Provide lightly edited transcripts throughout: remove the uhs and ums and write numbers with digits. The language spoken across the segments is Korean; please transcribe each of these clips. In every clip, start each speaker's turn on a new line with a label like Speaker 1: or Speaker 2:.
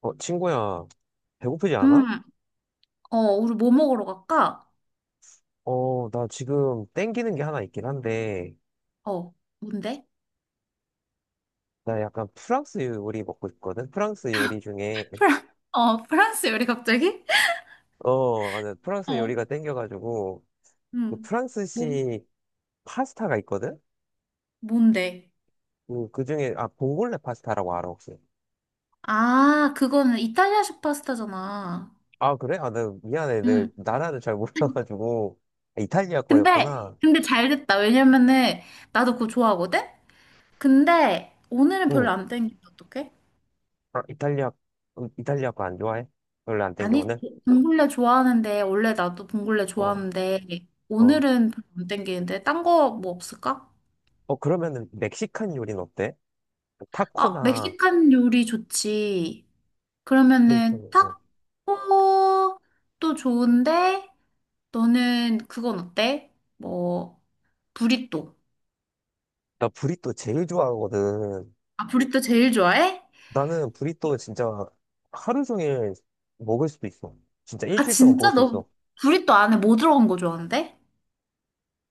Speaker 1: 친구야, 배고프지 않아?
Speaker 2: 음, 우리 뭐 먹으러 갈까?
Speaker 1: 나 지금 땡기는 게 하나 있긴 한데,
Speaker 2: 어, 뭔데?
Speaker 1: 나 약간 프랑스 요리 먹고 있거든? 프랑스 요리 중에,
Speaker 2: 프랑스 요리 갑자기?
Speaker 1: 나 프랑스
Speaker 2: 어,
Speaker 1: 요리가 땡겨가지고, 그
Speaker 2: 음, 뭐,
Speaker 1: 프랑스식 파스타가 있거든?
Speaker 2: 뭔데?
Speaker 1: 그 중에, 아, 봉골레 파스타라고 알아, 혹시?
Speaker 2: 아, 그거는 이탈리아식 파스타잖아.
Speaker 1: 아, 그래? 아, 나 미안해. 내
Speaker 2: 음,
Speaker 1: 나라를 잘 몰라가지고. 아, 이탈리아
Speaker 2: 근데,
Speaker 1: 거였구나.
Speaker 2: 근데 잘 됐다. 왜냐면은, 나도 그거 좋아하거든? 근데, 오늘은
Speaker 1: 응.
Speaker 2: 별로 안 땡긴다, 어떡해?
Speaker 1: 아, 이탈리아, 이탈리아 거 안 좋아해? 별로 안 땡겨,
Speaker 2: 아니,
Speaker 1: 오늘?
Speaker 2: 봉골레 좋아하는데, 원래 나도 봉골레
Speaker 1: 어,
Speaker 2: 좋아하는데,
Speaker 1: 어.
Speaker 2: 오늘은 별로 안 땡기는데, 딴 거 뭐 없을까?
Speaker 1: 그러면은 멕시칸 요리는 어때? 그
Speaker 2: 아,
Speaker 1: 타코나
Speaker 2: 멕시칸 요리 좋지. 그러면은
Speaker 1: 메xican이요.
Speaker 2: 타코도 좋은데 너는 그건 어때? 뭐 브리또.
Speaker 1: 나 브리또 제일 좋아하거든.
Speaker 2: 아, 브리또 제일 좋아해?
Speaker 1: 나는 브리또 진짜 하루 종일 먹을 수도 있어. 진짜
Speaker 2: 아,
Speaker 1: 일주일 동안 먹을
Speaker 2: 진짜?
Speaker 1: 수
Speaker 2: 너
Speaker 1: 있어.
Speaker 2: 브리또 안에 뭐 들어간 거 좋아하는데?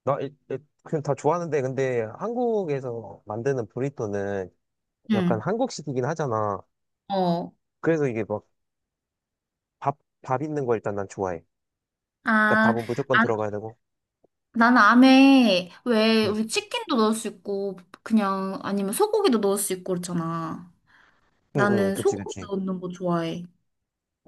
Speaker 1: 그냥 다 좋아하는데 근데 한국에서 만드는 브리또는 약간
Speaker 2: 응.
Speaker 1: 한국식이긴 하잖아.
Speaker 2: 어.
Speaker 1: 그래서 이게 막 밥, 밥 있는 거 일단 난 좋아해. 일단
Speaker 2: 아,
Speaker 1: 밥은 무조건
Speaker 2: 아,
Speaker 1: 들어가야 되고.
Speaker 2: 나는 안에 왜
Speaker 1: 응,
Speaker 2: 우리 치킨도 넣을 수 있고 그냥 아니면 소고기도 넣을 수 있고 그렇잖아.
Speaker 1: 응,
Speaker 2: 나는
Speaker 1: 그치,
Speaker 2: 소고기
Speaker 1: 그치.
Speaker 2: 넣는 거 좋아해.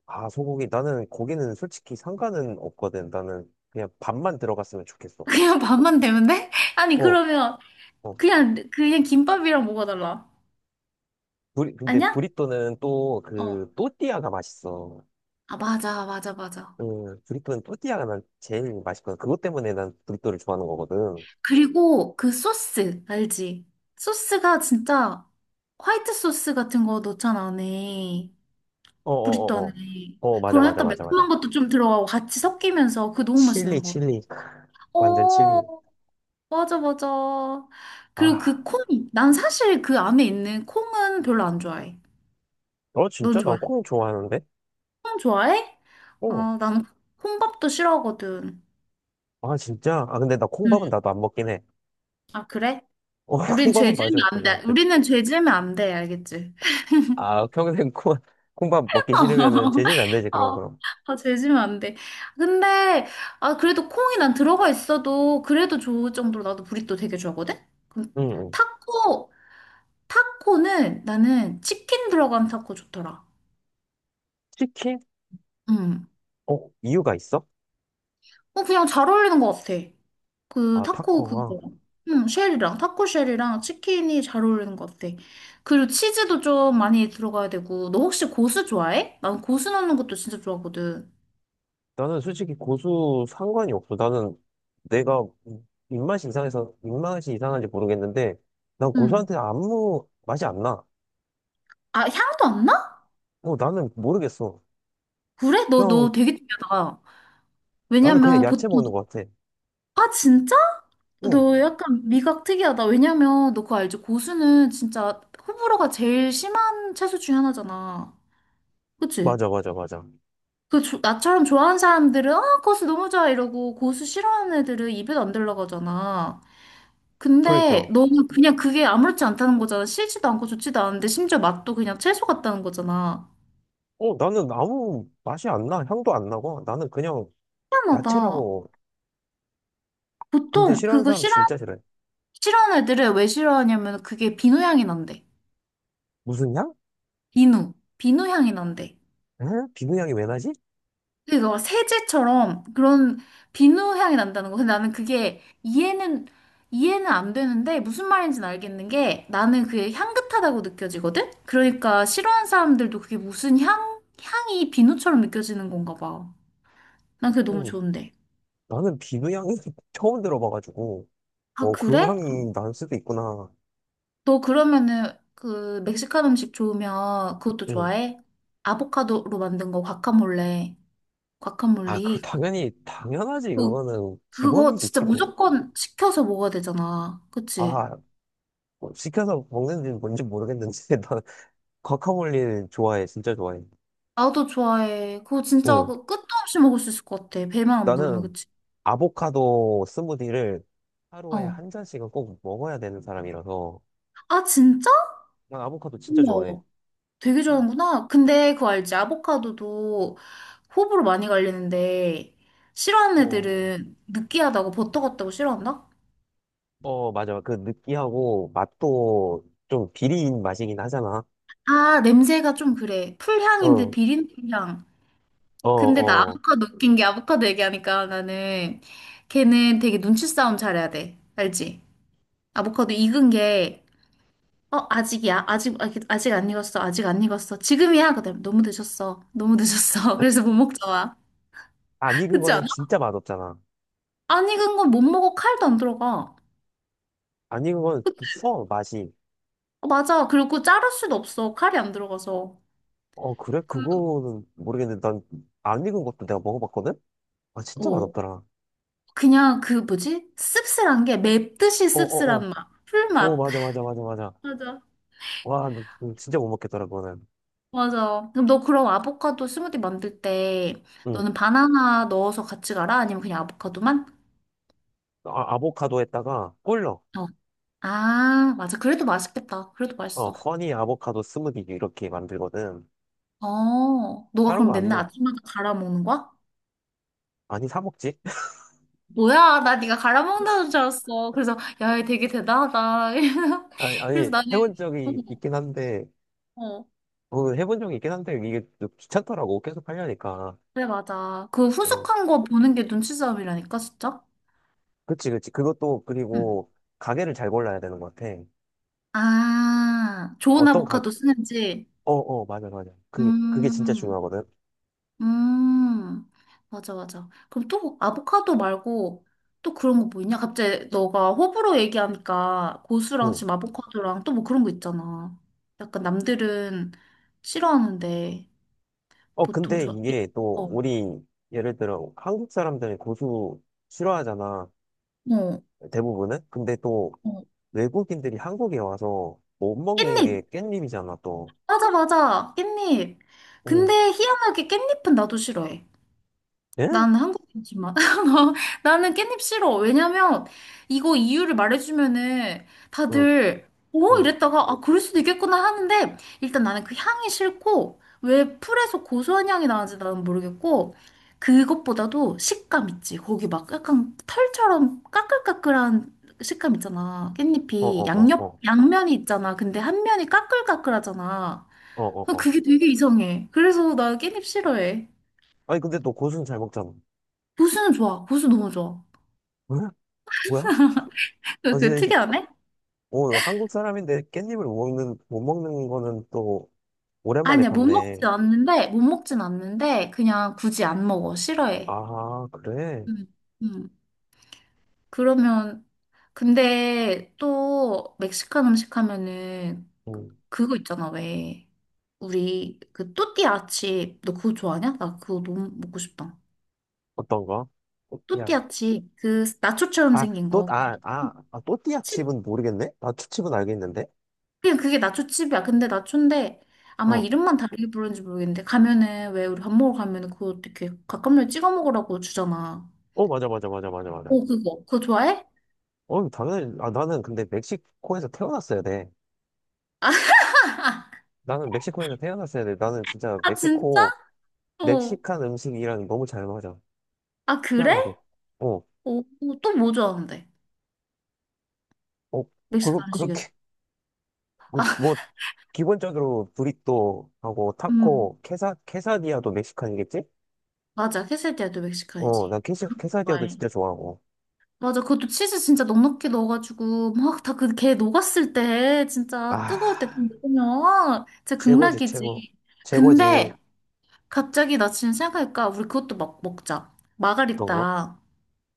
Speaker 1: 아, 소고기. 나는 고기는 솔직히 상관은 없거든. 나는 그냥 밥만 들어갔으면 좋겠어.
Speaker 2: 그냥 밥만 되면 돼? 아니,
Speaker 1: 어.
Speaker 2: 그러면
Speaker 1: 어.
Speaker 2: 그냥 김밥이랑 뭐가 달라?
Speaker 1: 근데
Speaker 2: 아니야?
Speaker 1: 브리또는 또
Speaker 2: 어.
Speaker 1: 그 또띠아가 맛있어.
Speaker 2: 아, 맞아, 맞아, 맞아.
Speaker 1: 브리또는 또띠아가 난 제일 맛있거든. 그것 때문에 난 브리또를 좋아하는 거거든.
Speaker 2: 그리고 그 소스, 알지? 소스가 진짜 화이트 소스 같은 거 넣잖아, 안에.
Speaker 1: 어, 어,
Speaker 2: 브리또
Speaker 1: 어,
Speaker 2: 안에.
Speaker 1: 어. 어, 맞아,
Speaker 2: 그런
Speaker 1: 맞아,
Speaker 2: 약간
Speaker 1: 맞아, 맞아.
Speaker 2: 매콤한 것도 좀 들어가고 같이 섞이면서 그거 너무
Speaker 1: 칠리,
Speaker 2: 맛있는 것 같아.
Speaker 1: 칠리. 크, 완전 칠리.
Speaker 2: 오, 맞아, 맞아. 그리고
Speaker 1: 아,
Speaker 2: 그 콩, 난 사실 그 안에 있는 콩은 별로 안 좋아해.
Speaker 1: 너
Speaker 2: 넌
Speaker 1: 진짜? 나
Speaker 2: 좋아해?
Speaker 1: 콩 좋아하는데?
Speaker 2: 콩 좋아해?
Speaker 1: 어.
Speaker 2: 어, 난 콩밥도 싫어하거든.
Speaker 1: 아, 진짜? 아, 근데 나 콩밥은
Speaker 2: 응.
Speaker 1: 나도 안 먹긴 해.
Speaker 2: 아, 그래?
Speaker 1: 어,
Speaker 2: 우린 죄
Speaker 1: 콩밥은
Speaker 2: 지으면
Speaker 1: 맛이 없어,
Speaker 2: 안 돼.
Speaker 1: 나한테.
Speaker 2: 우리는 죄 지으면 안 돼, 알겠지?
Speaker 1: 아, 평생 콩, 콩밥 먹기 싫으면은 재재면 안 되지, 그런
Speaker 2: 어,
Speaker 1: 거럼.
Speaker 2: 아, 재지면 안 돼. 근데, 아, 그래도 콩이 난 들어가 있어도 그래도 좋을 정도로 나도 브리또 되게 좋아하거든? 그럼
Speaker 1: 응, 응.
Speaker 2: 타코, 타코는 나는 치킨 들어간 타코 좋더라.
Speaker 1: 치킨?
Speaker 2: 음.
Speaker 1: 어, 이유가 있어?
Speaker 2: 어, 그냥 잘 어울리는 것 같아. 그
Speaker 1: 아,
Speaker 2: 타코
Speaker 1: 타코가.
Speaker 2: 그거. 응, 쉘이랑, 타코 쉘이랑 치킨이 잘 어울리는 것 같아. 그리고 치즈도 좀 많이 들어가야 되고. 너 혹시 고수 좋아해? 난 고수 넣는 것도 진짜 좋아하거든.
Speaker 1: 나는 솔직히 고수 상관이 없어. 나는 내가 입맛이 이상해서 입맛이 이상한지 모르겠는데 난
Speaker 2: 응.
Speaker 1: 고수한테 아무 맛이 안 나.
Speaker 2: 아, 향도 안 나?
Speaker 1: 어, 나는 모르겠어.
Speaker 2: 그래? 너, 너
Speaker 1: 그냥
Speaker 2: 되게 특이하다.
Speaker 1: 나는 그냥
Speaker 2: 왜냐면
Speaker 1: 야채
Speaker 2: 보통,
Speaker 1: 먹는 것 같아.
Speaker 2: 아, 진짜?
Speaker 1: 어,
Speaker 2: 너 약간 미각 특이하다. 왜냐면 너 그거 알지? 고수는 진짜 호불호가 제일 심한 채소 중에 하나잖아. 그치?
Speaker 1: 맞아, 맞아, 맞아.
Speaker 2: 나처럼 좋아하는 사람들은, 아, 고수 너무 좋아, 이러고, 고수 싫어하는 애들은 입에도 안 들어가잖아. 근데
Speaker 1: 그러니까
Speaker 2: 너는 그냥 그게 아무렇지 않다는 거잖아. 싫지도 않고 좋지도 않은데, 심지어 맛도 그냥 채소 같다는 거잖아.
Speaker 1: 어, 나는 아무 맛이 안 나. 향도 안 나고 나는 그냥
Speaker 2: 희한하다.
Speaker 1: 야채라고. 근데
Speaker 2: 보통
Speaker 1: 싫어하는
Speaker 2: 그거
Speaker 1: 사람 진짜 싫어해.
Speaker 2: 싫어하는 애들은 왜 싫어하냐면 그게 비누향이 난대.
Speaker 1: 무슨 향?
Speaker 2: 비누, 비누 향이 난대.
Speaker 1: 에? 비누 향이 왜 나지?
Speaker 2: 근데 너가 세제처럼 그런 비누 향이 난다는 거. 근데 나는 그게 이해는 안 되는데 무슨 말인지는 알겠는 게 나는 그게 향긋하다고 느껴지거든? 그러니까 싫어하는 사람들도 그게 무슨 향이 비누처럼 느껴지는 건가 봐. 난 그게 너무
Speaker 1: 어,
Speaker 2: 좋은데.
Speaker 1: 나는 비누 향이 처음 들어봐가지고
Speaker 2: 아,
Speaker 1: 어, 그런
Speaker 2: 그래?
Speaker 1: 향이 날 수도 있구나.
Speaker 2: 너 그러면은 그 멕시칸 음식 좋으면 그것도
Speaker 1: 응.
Speaker 2: 좋아해? 아보카도로 만든 거
Speaker 1: 아, 그
Speaker 2: 과카몰리.
Speaker 1: 당연히 당연하지
Speaker 2: 그
Speaker 1: 그거는
Speaker 2: 그거
Speaker 1: 기본이지
Speaker 2: 진짜
Speaker 1: 기본.
Speaker 2: 무조건 시켜서 먹어야 되잖아. 그치?
Speaker 1: 아, 뭐 시켜서 먹는지 뭔지 모르겠는데 나는 과카몰리 좋아해, 진짜 좋아해.
Speaker 2: 나도 좋아해. 그거 진짜
Speaker 1: 응,
Speaker 2: 그 끝도 없이 먹을 수 있을 것 같아. 배만 안 부르면,
Speaker 1: 나는
Speaker 2: 그치?
Speaker 1: 아보카도 스무디를 하루에
Speaker 2: 어.
Speaker 1: 한 잔씩은 꼭 먹어야 되는 사람이라서
Speaker 2: 아, 진짜?
Speaker 1: 난 아보카도 진짜 좋아해.
Speaker 2: 우와. 되게 좋아하는구나. 근데 그거 알지? 아보카도도 호불호 많이 갈리는데, 싫어하는
Speaker 1: 어,
Speaker 2: 애들은 느끼하다고 버터 같다고 싫어한다?
Speaker 1: 맞아. 그 느끼하고 맛도 좀 비린 맛이긴 하잖아.
Speaker 2: 아, 냄새가 좀 그래. 풀향인데
Speaker 1: 어,
Speaker 2: 비린풀향.
Speaker 1: 어,
Speaker 2: 근데 나
Speaker 1: 어.
Speaker 2: 아보카도 웃긴 게 아보카도 얘기하니까 나는 걔는 되게 눈치 싸움 잘해야 돼. 알지? 아보카도 익은 게, 어, 아직이야. 아직, 아직, 아직 안 익었어. 아직 안 익었어. 지금이야. 그다음 너무 늦었어. 너무 늦었어. 그래서 못 먹잖아.
Speaker 1: 안 익은
Speaker 2: 그렇지
Speaker 1: 거는
Speaker 2: 않아?
Speaker 1: 진짜 맛없잖아.
Speaker 2: 안 익은 건 못 먹어. 칼도 안 들어가.
Speaker 1: 안 익은 거는 써, 맛이.
Speaker 2: 어, 맞아. 그리고 자를 수도 없어. 칼이 안 들어가서.
Speaker 1: 어, 그래?
Speaker 2: 그,
Speaker 1: 그거는 모르겠는데, 난 안 익은 것도 내가 먹어봤거든? 아, 진짜
Speaker 2: 어,
Speaker 1: 맛없더라.
Speaker 2: 그냥 그 뭐지? 씁쓸한 게 맵듯이
Speaker 1: 어, 어, 어.
Speaker 2: 씁쓸한 맛.
Speaker 1: 어,
Speaker 2: 풀맛.
Speaker 1: 맞아, 맞아, 맞아, 맞아.
Speaker 2: 맞아.
Speaker 1: 와, 나 진짜 못 먹겠더라, 그거는.
Speaker 2: 맞아. 그럼 너 그럼 아보카도 스무디 만들 때
Speaker 1: 응.
Speaker 2: 너는 바나나 넣어서 같이 가라? 아니면 그냥 아보카도만?
Speaker 1: 아, 아보카도에다가 꿀넣어.
Speaker 2: 어. 아, 맞아. 그래도 맛있겠다. 그래도
Speaker 1: 어,
Speaker 2: 맛있어.
Speaker 1: 허니 아보카도 스무디 이렇게 만들거든.
Speaker 2: 어, 너가
Speaker 1: 다른
Speaker 2: 그럼
Speaker 1: 거 안
Speaker 2: 맨날
Speaker 1: 넣어.
Speaker 2: 아침마다 갈아 먹는 거야?
Speaker 1: 아니, 사 먹지?
Speaker 2: 뭐야, 나 네가 갈아 먹는다는 줄 알았어. 그래서 야, 얘 되게 대단하다.
Speaker 1: 아니, 아니,
Speaker 2: 그래서 나는
Speaker 1: 해본 적이 있긴 한데,
Speaker 2: 어, 어.
Speaker 1: 어, 해본 적이 있긴 한데, 이게 좀 귀찮더라고. 계속 하려니까.
Speaker 2: 그래, 맞아. 그
Speaker 1: 어,
Speaker 2: 후숙한 거 보는 게 눈치 싸움이라니까, 진짜.
Speaker 1: 그치, 그치. 그것도,
Speaker 2: 응.
Speaker 1: 그리고, 가게를 잘 골라야 되는 것 같아.
Speaker 2: 아, 좋은
Speaker 1: 어떤 가,
Speaker 2: 아보카도 쓰는지.
Speaker 1: 어, 어, 맞아, 맞아. 그게 진짜
Speaker 2: 음,
Speaker 1: 중요하거든.
Speaker 2: 음, 맞아, 맞아. 그럼 또 아보카도 말고 또 그런 거 뭐 있냐? 갑자기 너가 호불호 얘기하니까 고수랑
Speaker 1: 응.
Speaker 2: 지금 아보카도랑 또 뭐 그런 거 있잖아. 약간 남들은 싫어하는데
Speaker 1: 어,
Speaker 2: 보통
Speaker 1: 근데
Speaker 2: 좋아.
Speaker 1: 이게 또,
Speaker 2: 어,
Speaker 1: 우리, 예를 들어, 한국 사람들이 고수 싫어하잖아.
Speaker 2: 어,
Speaker 1: 대부분은. 근데 또,
Speaker 2: 어.
Speaker 1: 외국인들이 한국에 와서 못 먹는 게
Speaker 2: 깻잎.
Speaker 1: 깻잎이잖아, 또.
Speaker 2: 맞아, 맞아. 깻잎. 근데
Speaker 1: 응.
Speaker 2: 희한하게 깻잎은 나도 싫어해.
Speaker 1: 예?
Speaker 2: 나는 한국 김치만. 나는 깻잎 싫어. 왜냐면 이거 이유를 말해주면은
Speaker 1: 응,
Speaker 2: 다들 오
Speaker 1: 응.
Speaker 2: 이랬다가 아 그럴 수도 있겠구나 하는데, 일단 나는 그 향이 싫고 왜 풀에서 고소한 향이 나는지 나는 모르겠고, 그것보다도 식감 있지. 거기 막 약간 털처럼 까끌까끌한 식감 있잖아.
Speaker 1: 어, 어,
Speaker 2: 깻잎이
Speaker 1: 어,
Speaker 2: 양옆
Speaker 1: 어.
Speaker 2: 양면이 있잖아. 근데 한 면이 까끌까끌하잖아.
Speaker 1: 어, 어, 어.
Speaker 2: 그게 되게 이상해. 그래서 나 깻잎 싫어해.
Speaker 1: 아니, 근데 또 고수는 잘 먹잖아.
Speaker 2: 고수는 좋아. 고수 너무 좋아.
Speaker 1: 왜? 뭐야? 아,
Speaker 2: 그
Speaker 1: 진짜, 이-
Speaker 2: 특이하네?
Speaker 1: 어, 한국 사람인데 깻잎을 못 먹는, 못 먹는 거는 또, 오랜만에
Speaker 2: 아니야, 못 먹진
Speaker 1: 봤네.
Speaker 2: 않는데, 못 먹진 않는데, 그냥 굳이 안 먹어. 싫어해.
Speaker 1: 아, 그래?
Speaker 2: 음, 음. 그러면, 근데 또 멕시칸 음식 하면은 그거 있잖아, 왜. 우리 그 또띠아 칩, 너 그거 좋아하냐? 나 그거 너무 먹고 싶다.
Speaker 1: 어떤 거? 또띠아.
Speaker 2: 또띠아 칩, 그 나초처럼
Speaker 1: 아,
Speaker 2: 생긴
Speaker 1: 또,
Speaker 2: 거.
Speaker 1: 아, 아, 아, 또띠아
Speaker 2: 칩,
Speaker 1: 칩은 모르겠네? 아, 초칩은 알겠는데?
Speaker 2: 그냥 그게 나초 칩이야. 근데 나초인데, 아마
Speaker 1: 어.
Speaker 2: 이름만 다르게 부르는지 모르겠는데, 가면은, 왜 우리 밥 먹으러 가면은 그거 어떻게 갓감면 찍어 먹으라고 주잖아.
Speaker 1: 맞아.
Speaker 2: 오, 그거. 그거 좋아해?
Speaker 1: 어, 당연히, 아, 나는 근데 멕시코에서 태어났어야 돼. 나는 멕시코에서 태어났어야 돼. 나는 진짜
Speaker 2: 아, 진짜?
Speaker 1: 멕시코,
Speaker 2: 어.
Speaker 1: 멕시칸 음식이랑 너무 잘 맞아.
Speaker 2: 아, 그래?
Speaker 1: 희한하게. 어,
Speaker 2: 오, 또 뭐 좋아하는데?
Speaker 1: 어, 그거,
Speaker 2: 멕시칸식에서.
Speaker 1: 그렇게, 그, 뭐, 기본적으로 브리또하고
Speaker 2: 음,
Speaker 1: 타코, 케사, 케사디아도 멕시칸이겠지?
Speaker 2: 맞아. 퀘세디아도
Speaker 1: 어,
Speaker 2: 멕시칸이지.
Speaker 1: 케사디아도
Speaker 2: 좋아해.
Speaker 1: 진짜 좋아하고.
Speaker 2: 맞아. 그것도 치즈 진짜 넉넉히 넣어가지고, 막 다 그 걔 녹았을 때, 진짜 뜨거울 때
Speaker 1: 아.
Speaker 2: 먹으면, 진짜
Speaker 1: 최고지, 최고.
Speaker 2: 극락이지.
Speaker 1: 최고지,
Speaker 2: 근데, 갑자기 나 지금 생각하니까, 우리 그것도 막 먹자.
Speaker 1: 그런 거?
Speaker 2: 마가리따.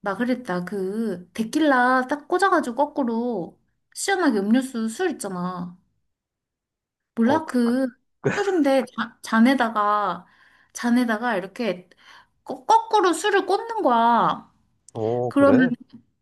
Speaker 2: 마가리따, 그, 데킬라 딱 꽂아가지고 거꾸로, 시원하게 음료수 술 있잖아.
Speaker 1: 어,
Speaker 2: 몰라,
Speaker 1: 그-
Speaker 2: 그, 술인데, 잔에다가 이렇게 거꾸로 술을 꽂는 거야.
Speaker 1: 어,
Speaker 2: 그러면,
Speaker 1: 그래?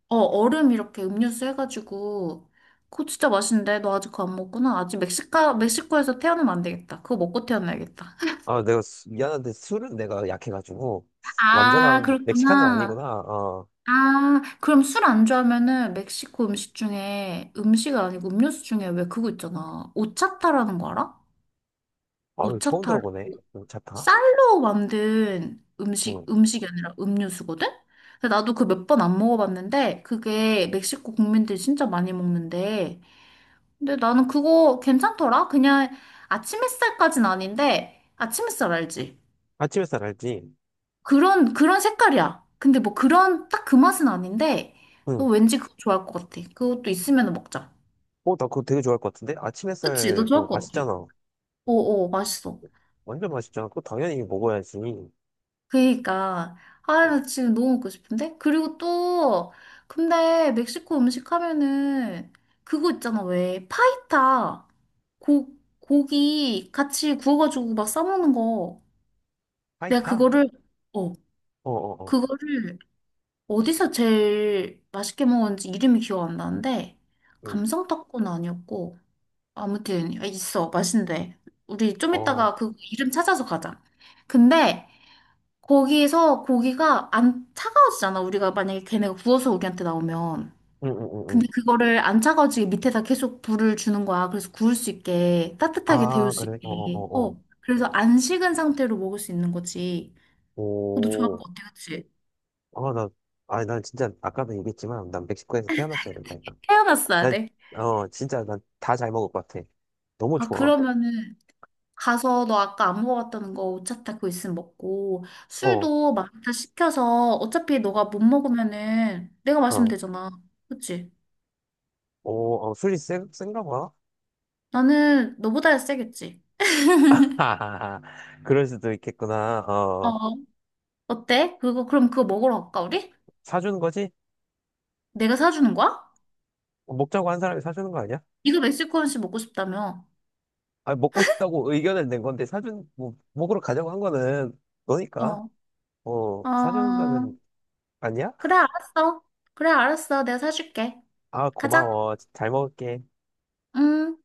Speaker 2: 얼음 이렇게 음료수 해가지고, 그거 진짜 맛있는데, 너 아직 그거 안 먹구나. 아직 멕시코에서 태어나면 안 되겠다. 그거 먹고 태어나야겠다.
Speaker 1: 아, 내가 수- 미안한데 술은 내가 약해가지고
Speaker 2: 아,
Speaker 1: 완전한 멕시칸은
Speaker 2: 그렇구나.
Speaker 1: 아니구나. 어,
Speaker 2: 아, 그럼 술 안 좋아하면은 멕시코 음식 중에, 음식 아니고 음료수 중에 왜 그거 있잖아. 오차타라는 거 알아?
Speaker 1: 아 처음
Speaker 2: 오차타.
Speaker 1: 들어보네. 괜 타. 다
Speaker 2: 쌀로 만든
Speaker 1: 응.
Speaker 2: 음식이 아니라 음료수거든? 근데 나도 그 몇 번 안 먹어봤는데, 그게 멕시코 국민들이 진짜 많이 먹는데, 근데 나는 그거 괜찮더라? 그냥 아침 햇살까진 아닌데, 아침 햇살 알지?
Speaker 1: 아침 햇살 알지?
Speaker 2: 그런 색깔이야. 근데 뭐 그런, 딱 그 맛은 아닌데, 너
Speaker 1: 응.
Speaker 2: 왠지 그거 좋아할 것 같아. 그것도 있으면 먹자.
Speaker 1: 어, 나 그거 되게 좋아할 것 같은데? 아침
Speaker 2: 그치? 너
Speaker 1: 햇살
Speaker 2: 좋아할
Speaker 1: 뭐
Speaker 2: 것 같아.
Speaker 1: 맛있잖아.
Speaker 2: 어어, 맛있어.
Speaker 1: 완전 맛있잖아. 그거 당연히 먹어야지.
Speaker 2: 그니까 아
Speaker 1: 어,
Speaker 2: 나 지금 너무 먹고 싶은데, 그리고 또 근데 멕시코 음식 하면은 그거 있잖아, 왜, 파이타. 고 고기 같이 구워가지고 막 싸먹는 거. 내가
Speaker 1: 파이타?
Speaker 2: 어
Speaker 1: 어, 어, 어.
Speaker 2: 그거를 어디서 제일 맛있게 먹었는지 이름이 기억 안 나는데,
Speaker 1: 응.
Speaker 2: 감성떡은 아니었고, 아무튼 있어 맛있는데, 우리 좀
Speaker 1: 어.
Speaker 2: 이따가 그 이름 찾아서 가자. 근데 거기에서 고기가 안 차가워지잖아. 우리가 만약에 걔네가 구워서 우리한테 나오면.
Speaker 1: 응,
Speaker 2: 근데
Speaker 1: 응.
Speaker 2: 그거를 안 차가워지게 밑에다 계속 불을 주는 거야. 그래서 구울 수 있게, 따뜻하게
Speaker 1: 아,
Speaker 2: 데울 수
Speaker 1: 그래?
Speaker 2: 있게. 어. 그래서 안 식은 상태로 먹을 수 있는 거지.
Speaker 1: 어.
Speaker 2: 너도 좋아할
Speaker 1: 오.
Speaker 2: 거 같아, 그치?
Speaker 1: 어, 나, 아니, 난 진짜, 아까도 얘기했지만, 난 멕시코에서 태어났어야 된다니까.
Speaker 2: 태어났어야
Speaker 1: 난,
Speaker 2: 돼.
Speaker 1: 어, 진짜, 난 다 잘 먹을 것 같아. 너무
Speaker 2: 아,
Speaker 1: 좋아.
Speaker 2: 그러면은 가서 너 아까 안 먹어봤다는 거 오차타 그거 있으면 먹고
Speaker 1: 어,
Speaker 2: 술도 마라식 시켜서, 어차피 너가 못 먹으면은 내가 마시면
Speaker 1: 어,
Speaker 2: 되잖아. 그치?
Speaker 1: 오 어, 센가 봐.
Speaker 2: 나는 너보다 세겠지.
Speaker 1: 하하하. 그럴 수도 있겠구나. 어,
Speaker 2: 어, 어때? 그거, 그럼 그거 먹으러 갈까, 우리?
Speaker 1: 사주는 거지?
Speaker 2: 내가 사주는 거야?
Speaker 1: 어, 먹자고 한 사람이 사주는 거 아니야?
Speaker 2: 이거 멕시코 음식 먹고 싶다며.
Speaker 1: 아니, 먹고 싶다고 의견을 낸 건데, 사준, 뭐, 먹으러 가자고 한 거는 너니까.
Speaker 2: 어,
Speaker 1: 어, 사주는
Speaker 2: 어,
Speaker 1: 거는 아니야?
Speaker 2: 그래, 알았어. 그래, 알았어. 내가 사줄게.
Speaker 1: 아,
Speaker 2: 가자.
Speaker 1: 고마워. 잘 먹을게.
Speaker 2: 음.